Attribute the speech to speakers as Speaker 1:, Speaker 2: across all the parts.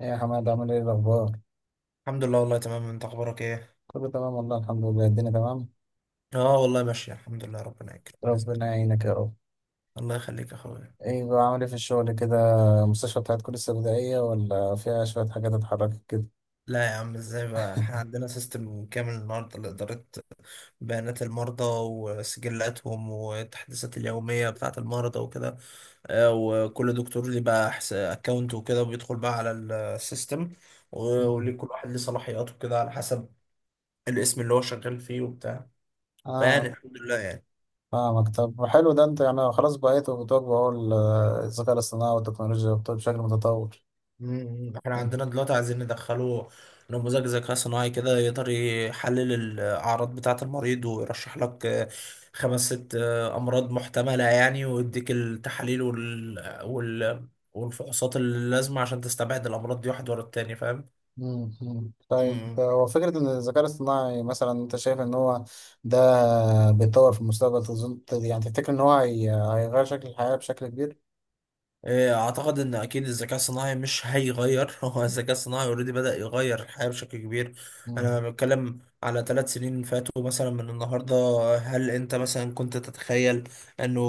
Speaker 1: ايه يا حماد، عامل ايه الاخبار؟
Speaker 2: الحمد لله والله تمام، انت اخبارك ايه؟
Speaker 1: كله تمام والله، الحمد لله الدنيا تمام.
Speaker 2: اه والله ماشية الحمد لله، ربنا يكرم باذن
Speaker 1: ربنا
Speaker 2: الله.
Speaker 1: يعينك يا رب.
Speaker 2: الله يخليك يا اخويا.
Speaker 1: ايه بقى، عامل ايه في الشغل كده؟ المستشفى بتاعتكم لسه بدائية، ولا فيها شوية حاجات اتحركت كده؟
Speaker 2: لا يا عم، ازاي بقى، احنا عندنا سيستم كامل النهارده لإدارة بيانات المرضى وسجلاتهم والتحديثات اليومية بتاعة المرضى وكده. اه، وكل دكتور ليه بقى اكونت وكده وبيدخل بقى على السيستم،
Speaker 1: مم.
Speaker 2: وليه كل واحد ليه صلاحياته كده على حسب الاسم اللي هو شغال فيه وبتاع. فيعني
Speaker 1: اه،
Speaker 2: الحمد لله يعني.
Speaker 1: فاهمك. طب حلو، ده انت يعني خلاص بقيتوا بتواجهوا اهو الذكاء الاصطناعي والتكنولوجيا والطب بشكل متطور.
Speaker 2: احنا
Speaker 1: انت.
Speaker 2: عندنا دلوقتي عايزين ندخله نموذج ذكاء صناعي كده يقدر يحلل الأعراض بتاعة المريض ويرشح لك خمس ست أمراض محتملة يعني، ويديك التحاليل وال... والفحوصات اللازمة عشان تستبعد الأمراض دي واحد ورا التاني، فاهم؟
Speaker 1: مم، مم. طيب،
Speaker 2: مم.
Speaker 1: هو فكرة إن الذكاء الاصطناعي مثلا أنت شايف إن هو ده بيتطور في المستقبل، تظن يعني تفتكر إن هو هيغير شكل الحياة بشكل كبير؟
Speaker 2: إيه، اعتقد ان اكيد الذكاء الصناعي مش هيغير هو الذكاء الصناعي اوريدي بدأ يغير الحياة بشكل كبير. انا بتكلم على 3 سنين فاتوا مثلا من النهاردة. هل انت مثلا كنت تتخيل انه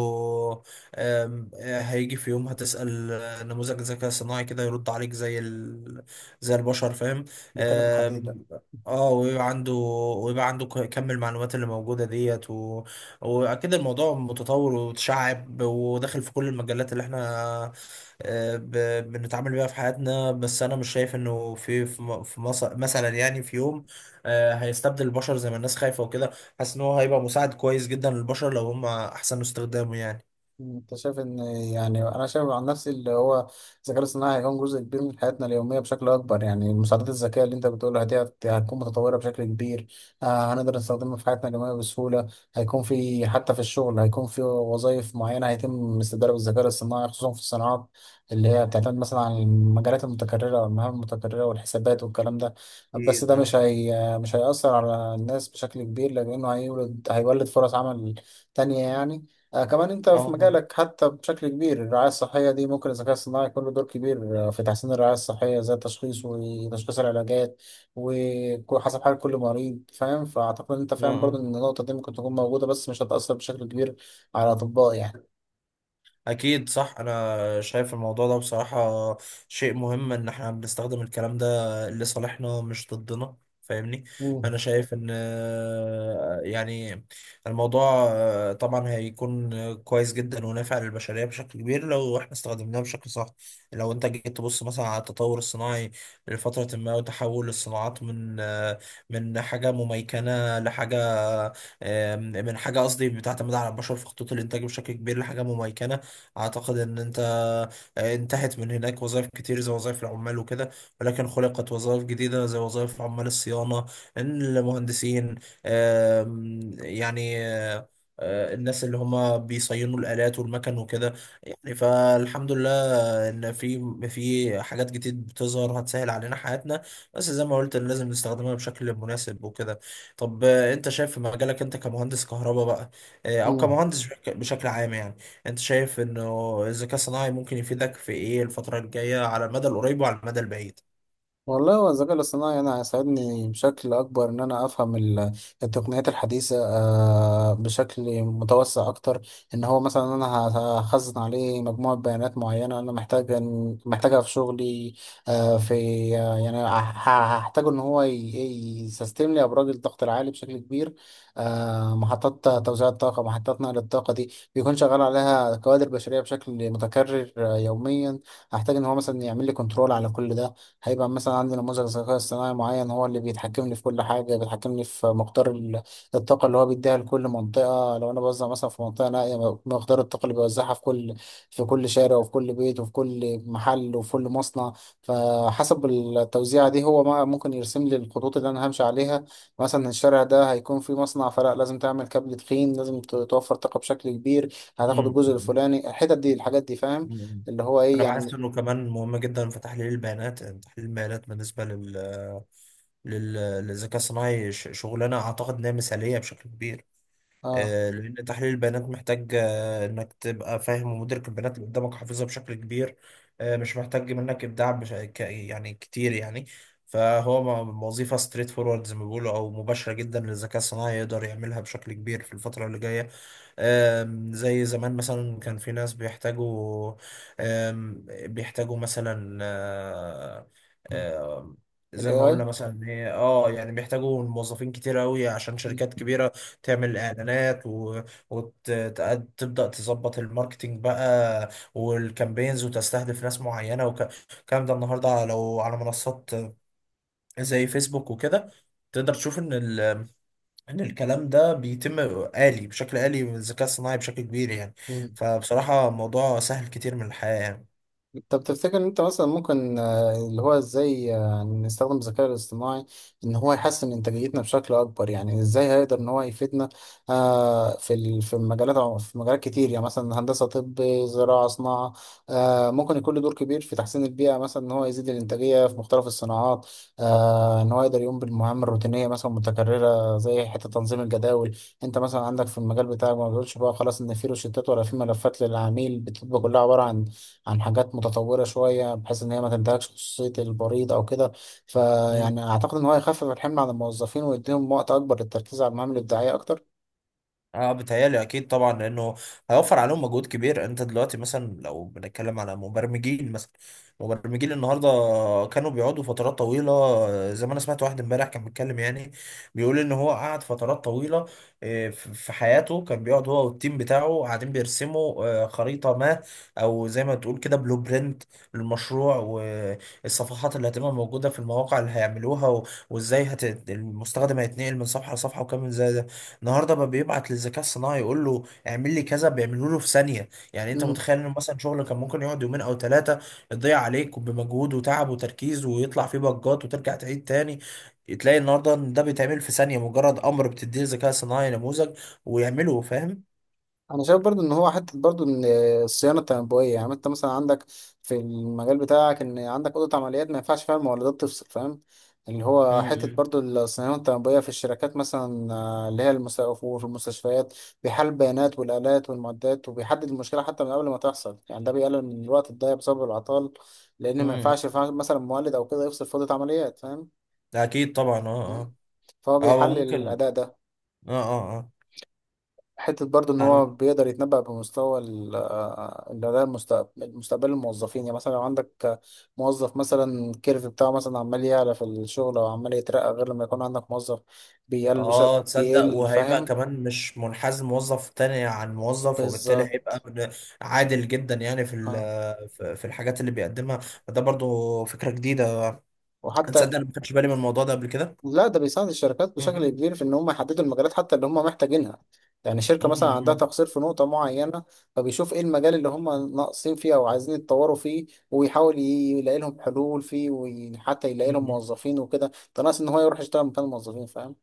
Speaker 2: آم، آه، هيجي في يوم هتسأل نموذج الذكاء الصناعي كده يرد عليك زي البشر، فاهم؟
Speaker 1: بيكلم الحديد ده.
Speaker 2: آم، اه ويبقى عنده ويبقى عنده كم المعلومات اللي موجودة ديت. واكيد الموضوع متطور وتشعب وداخل في كل المجالات اللي احنا بنتعامل بيها في حياتنا. بس انا مش شايف انه في في م- في مص- مثلا يعني في يوم هيستبدل البشر زي ما الناس خايفة وكده. حاسس ان هو هيبقى مساعد كويس جدا للبشر لو هم احسنوا استخدامه يعني.
Speaker 1: مم، انت شايف ان، يعني انا شايف عن نفسي اللي هو الذكاء الاصطناعي هيكون جزء كبير من حياتنا اليوميه بشكل اكبر، يعني المساعدات الذكيه اللي انت بتقولها دي هتكون متطوره بشكل كبير. هنقدر نستخدمها في حياتنا اليوميه بسهوله. هيكون في حتى في الشغل، هيكون في وظائف معينه هيتم استبدالها بالذكاء الاصطناعي، خصوصا في الصناعات اللي هي بتعتمد مثلا على المجالات المتكرره والمهام المتكرره والحسابات والكلام ده. بس
Speaker 2: اكيد،
Speaker 1: ده
Speaker 2: اه،
Speaker 1: مش هيأثر على الناس بشكل كبير، لأنه هيولد فرص عمل تانية يعني. كمان انت في
Speaker 2: اه،
Speaker 1: مجالك، حتى بشكل كبير الرعاية الصحية دي ممكن الذكاء الصناعي يكون له دور كبير، في تحسين الرعاية الصحية زي التشخيص وتشخيص العلاجات وحسب حال كل مريض، فاهم؟ فأعتقد ان انت
Speaker 2: اه،
Speaker 1: فاهم برضه
Speaker 2: آه.
Speaker 1: ان النقطة دي ممكن تكون موجودة، بس مش هتأثر بشكل كبير على الأطباء يعني.
Speaker 2: اكيد صح، انا شايف الموضوع ده بصراحة شيء مهم ان احنا بنستخدم الكلام ده لصالحنا مش ضدنا، فاهمني. انا
Speaker 1: مم.
Speaker 2: شايف ان يعني الموضوع طبعا هيكون كويس جدا ونافع للبشرية بشكل كبير لو احنا استخدمناه بشكل صح. لو انت جيت تبص مثلا على التطور الصناعي لفترة ما وتحول الصناعات من من حاجة مميكنة لحاجة من حاجة قصدي بتعتمد على البشر في خطوط الانتاج بشكل كبير لحاجة مميكنة. اعتقد ان انتهت من هناك وظائف كتير زي وظائف العمال وكده، ولكن خلقت وظائف جديدة زي وظائف عمال الصيانة، المهندسين، يعني الناس اللي هما بيصينوا الآلات والمكن وكده، يعني فالحمد لله ان في حاجات جديد بتظهر هتسهل علينا حياتنا. بس زي ما قلت لازم نستخدمها بشكل مناسب وكده. طب انت شايف في مجالك، انت كمهندس كهرباء بقى، او
Speaker 1: مم.
Speaker 2: كمهندس بشكل عام يعني. انت شايف انه الذكاء الصناعي ممكن يفيدك في ايه الفترة الجاية على المدى القريب وعلى المدى البعيد؟
Speaker 1: والله، هو الذكاء الاصطناعي أنا هيساعدني بشكل أكبر إن أنا أفهم التقنيات الحديثة، بشكل متوسع أكتر. إن هو مثلا أنا هخزن عليه مجموعة بيانات معينة أنا محتاج، محتاجها في شغلي. آه، في آه، يعني هحتاج إن هو يسيستم لي أبراج الضغط العالي بشكل كبير. محطات توزيع الطاقة، محطات نقل الطاقة دي بيكون شغال عليها كوادر بشرية بشكل متكرر يوميا. هحتاج إن هو مثلا يعمل لي كنترول على كل ده. هيبقى مثلا عندي نموذج ذكاء اصطناعي معين هو اللي بيتحكمني في كل حاجة، بيتحكمني في مقدار الطاقة اللي هو بيديها لكل منطقة، لو أنا بوزع مثلا في منطقة نائية. مقدار الطاقة اللي بيوزعها في كل شارع وفي كل بيت وفي كل محل وفي كل مصنع. فحسب التوزيعة دي، هو ما ممكن يرسم لي الخطوط اللي أنا همشي عليها. مثلا الشارع ده هيكون فيه مصنع، فلا لازم تعمل كابل تخين، لازم توفر طاقة بشكل كبير، هتاخد
Speaker 2: مم.
Speaker 1: الجزء
Speaker 2: مم.
Speaker 1: الفلاني، الحتت دي الحاجات دي، فاهم؟
Speaker 2: مم.
Speaker 1: اللي هو إيه
Speaker 2: انا بحس
Speaker 1: يعني.
Speaker 2: انه كمان مهم جدا في تحليل البيانات، يعني تحليل البيانات بالنسبة لل- للذكاء الصناعي شغلانة اعتقد انها مثالية بشكل كبير.
Speaker 1: اه،
Speaker 2: لأن تحليل البيانات محتاج إنك تبقى فاهم ومدرك البيانات اللي قدامك، حافظها بشكل كبير. مش محتاج منك إبداع يعني كتير يعني. فهو وظيفة ستريت فورورد زي ما بيقولوا أو مباشرة جدا للذكاء الصناعي يقدر يعملها بشكل كبير في الفترة اللي جاية. زي زمان مثلا كان في ناس بيحتاجوا آم، بيحتاجوا مثلا آه،
Speaker 1: ال
Speaker 2: زي ما قلنا
Speaker 1: AI.
Speaker 2: مثلا إن هي يعني بيحتاجوا موظفين كتير قوي عشان شركات كبيرة تعمل اعلانات، وتبدأ تظبط الماركتينج بقى والكامبينز وتستهدف ناس معينة والكلام ده. النهارده لو على منصات زي فيسبوك وكده تقدر تشوف ان الكلام ده بيتم آلي، بشكل آلي بالذكاء الصناعي بشكل كبير يعني.
Speaker 1: مم.
Speaker 2: فبصراحة الموضوع سهل كتير من الحياة يعني.
Speaker 1: طب تفتكر ان انت مثلا ممكن، اللي هو ازاي يعني نستخدم الذكاء الاصطناعي ان هو يحسن انتاجيتنا بشكل اكبر، يعني ازاي هيقدر ان هو يفيدنا. في مجالات كتير يعني، مثلا هندسة، طب، زراعة، صناعة. ممكن يكون له دور كبير في تحسين البيئة، مثلا ان هو يزيد الانتاجية في مختلف الصناعات. ان هو يقدر يقوم بالمهام الروتينية مثلا متكررة، زي حتة تنظيم الجداول. انت مثلا عندك في المجال بتاعك، ما بتقولش بقى خلاص ان في روشتات ولا في ملفات للعميل بتبقى كلها عبارة عن حاجات متطورة شوية بحيث إن هي ما تنتهكش خصوصية البريد أو كده. فيعني أعتقد إن هو يخفف الحمل عن الموظفين ويديهم وقت أكبر للتركيز على المهام الإبداعية أكتر.
Speaker 2: اه بتهيألي اكيد طبعا، لانه هيوفر عليهم مجهود كبير. انت دلوقتي مثلا لو بنتكلم على مبرمجين مثلا، مبرمجين النهارده كانوا بيقعدوا فترات طويله. زي ما انا سمعت واحد امبارح كان بيتكلم، يعني بيقول ان هو قعد فترات طويله في حياته، كان بيقعد هو والتيم بتاعه قاعدين بيرسموا خريطه ما او زي ما تقول كده بلو برنت للمشروع، والصفحات اللي هتبقى موجوده في المواقع اللي هيعملوها، وازاي المستخدم هيتنقل من صفحه لصفحه وكام زي ده. النهارده بقى بيبعت للذكاء الصناعي يقول له اعمل لي كذا، بيعملوا له في ثانيه يعني. انت متخيل انه مثلا شغل كان ممكن يقعد يومين او ثلاثه، يضيع عليك بمجهود وتعب وتركيز ويطلع فيه بجات وترجع تعيد تاني، تلاقي النهارده ان ده بيتعمل في ثانيه، مجرد امر بتديه الذكاء الصناعي نموذج ويعمله، فاهم؟
Speaker 1: انا شايف برضو ان هو حته برضو ان الصيانه التنبؤيه، يعني انت مثلا عندك في المجال بتاعك ان عندك اوضه عمليات ما ينفعش فيها المولدات تفصل، فاهم؟ اللي هو
Speaker 2: امم.
Speaker 1: حته
Speaker 2: امم.
Speaker 1: برضو الصيانه التنبؤيه في الشركات مثلا، اللي هي وفي المستشفيات، بيحلل البيانات والالات والمعدات، وبيحدد المشكله حتى من قبل ما تحصل، يعني ده بيقلل من الوقت الضايع بسبب العطال. لان ما
Speaker 2: أمم.
Speaker 1: ينفعش مثلا مولد او كده يفصل في اوضه عمليات، فاهم؟
Speaker 2: ده اكيد طبعا، اه،
Speaker 1: م.
Speaker 2: اه.
Speaker 1: فهو
Speaker 2: اه
Speaker 1: بيحلل
Speaker 2: وممكن.
Speaker 1: الاداء ده.
Speaker 2: اه. اه.
Speaker 1: حتة برضو إن هو
Speaker 2: اه.
Speaker 1: بيقدر يتنبأ بمستوى ال- آه، اللي ده مستقبل الموظفين، يعني مثلا لو عندك موظف مثلا الكيرف بتاعه مثلا عمال يعلى في الشغل أو عمال يترقى، غير لما يكون عندك موظف بيقل بش...
Speaker 2: اه تصدق،
Speaker 1: بيقل،
Speaker 2: وهيبقى
Speaker 1: فاهم؟
Speaker 2: كمان مش منحاز موظف تاني عن موظف، وبالتالي هيبقى
Speaker 1: بالظبط.
Speaker 2: عادل جدا يعني، في
Speaker 1: آه.
Speaker 2: في الحاجات اللي بيقدمها. فده برضو فكرة جديدة،
Speaker 1: وحتى.
Speaker 2: تصدق انا ما خدتش بالي من الموضوع ده قبل كده.
Speaker 1: لا، ده بيساعد الشركات بشكل
Speaker 2: مهم.
Speaker 1: كبير في ان هم يحددوا المجالات حتى اللي هم محتاجينها. يعني شركة مثلا عندها تقصير في نقطة معينة، فبيشوف ايه المجال اللي هم ناقصين فيه او عايزين يتطوروا فيه، ويحاول يلاقي لهم حلول فيه، وحتى يلاقي لهم
Speaker 2: مهم.
Speaker 1: موظفين وكده. ده ناقص ان هو يروح يشتغل مكان الموظفين، فاهم؟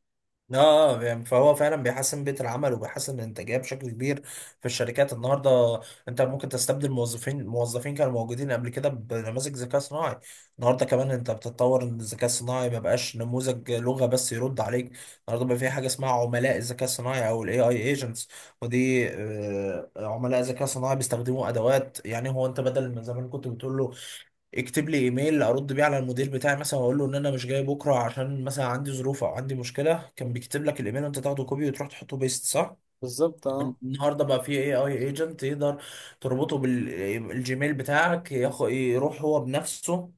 Speaker 2: اه، يعني فهو فعلا بيحسن بيئة العمل وبيحسن الانتاجية بشكل كبير في الشركات النهارده. انت ممكن تستبدل موظفين، موظفين كانوا موجودين قبل كده بنماذج ذكاء صناعي. النهارده كمان انت بتتطور ان الذكاء الصناعي ما بقاش نموذج لغة بس يرد عليك. النهارده بقى في حاجة اسمها عملاء الذكاء الصناعي او الAI agents. ودي عملاء ذكاء صناعي بيستخدموا ادوات، يعني هو انت بدل ما زمان كنت بتقول له يكتب لي ايميل ارد بيه على المدير بتاعي مثلا، واقول له ان انا مش جاي بكره عشان مثلا عندي ظروف او عندي مشكله، كان بيكتب لك الايميل وانت تاخده كوبي وتروح تحطه بيست، صح؟
Speaker 1: بالظبط، اه،
Speaker 2: النهارده بقى في AI agent يقدر تربطه بالجيميل بتاعك، يروح هو بنفسه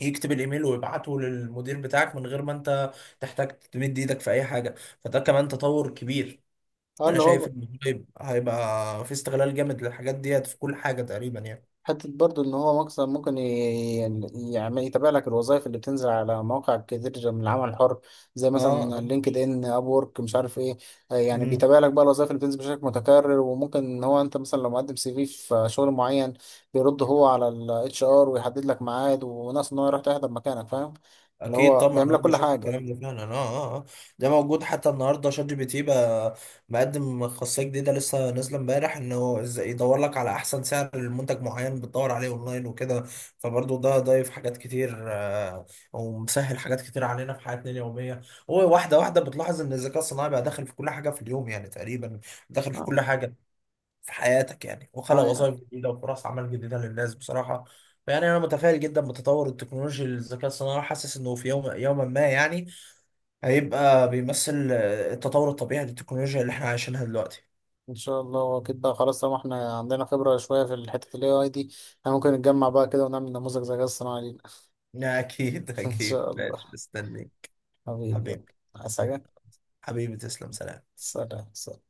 Speaker 2: يكتب الايميل ويبعته للمدير بتاعك من غير ما انت تحتاج تمد ايدك في اي حاجه. فده كمان تطور كبير. انا
Speaker 1: اللي
Speaker 2: شايف
Speaker 1: هو
Speaker 2: ان هيبقى في استغلال جامد للحاجات ديت في كل حاجه تقريبا يعني.
Speaker 1: حتة برضو إن هو مكسب ممكن يعني يتابع لك الوظائف اللي بتنزل على مواقع كتير من العمل الحر، زي
Speaker 2: اه،
Speaker 1: مثلا
Speaker 2: آه.
Speaker 1: لينكد إن، أب وورك، مش عارف إيه. يعني
Speaker 2: مم.
Speaker 1: بيتابع لك بقى الوظائف اللي بتنزل بشكل متكرر، وممكن إن هو أنت مثلا لو مقدم سي في في شغل معين، بيرد هو على الاتش ار ويحدد لك ميعاد وناس إن هو يروح تحضر مكانك، فاهم؟ اللي
Speaker 2: اكيد
Speaker 1: هو
Speaker 2: طبعا،
Speaker 1: بيعمل
Speaker 2: انا
Speaker 1: لك كل
Speaker 2: بشوف
Speaker 1: حاجة.
Speaker 2: الكلام ده فعلا، اه، اه، آه. ده موجود حتى النهارده. ChatGPT بقى مقدم خاصيه جديده لسه نازله امبارح، انه ازاي يدور لك على احسن سعر لمنتج معين بتدور عليه اونلاين وكده. فبرضه ده ضايف حاجات كتير ومسهل حاجات كتير علينا في حياتنا اليوميه. هو واحده واحده بتلاحظ ان الذكاء الصناعي بقى داخل في كل حاجه في اليوم يعني تقريبا، داخل في
Speaker 1: اه،
Speaker 2: كل حاجه في حياتك يعني، وخلق
Speaker 1: اه، يعني
Speaker 2: وظائف جديده وفرص عمل جديده للناس بصراحه. فيعني انا متفائل جدا بتطور التكنولوجيا للذكاء الصناعي، وحاسس انه في يوم يوما ما يعني هيبقى بيمثل التطور الطبيعي للتكنولوجيا اللي احنا عايشينها دلوقتي.
Speaker 1: ان شاء الله كده خلاص، طالما احنا عندنا خبرة شوية في الحتة ال AI دي، احنا ممكن نتجمع بقى كده ونعمل نموذج ذكاء اصطناعي لينا.
Speaker 2: اكيد،
Speaker 1: ان
Speaker 2: اكيد
Speaker 1: شاء
Speaker 2: ماشي،
Speaker 1: الله.
Speaker 2: مستني
Speaker 1: حبيبي،
Speaker 2: حبيبي.
Speaker 1: يلا. عايز حاجة؟
Speaker 2: حبيبي تسلم. سلام.
Speaker 1: سلام، سلام.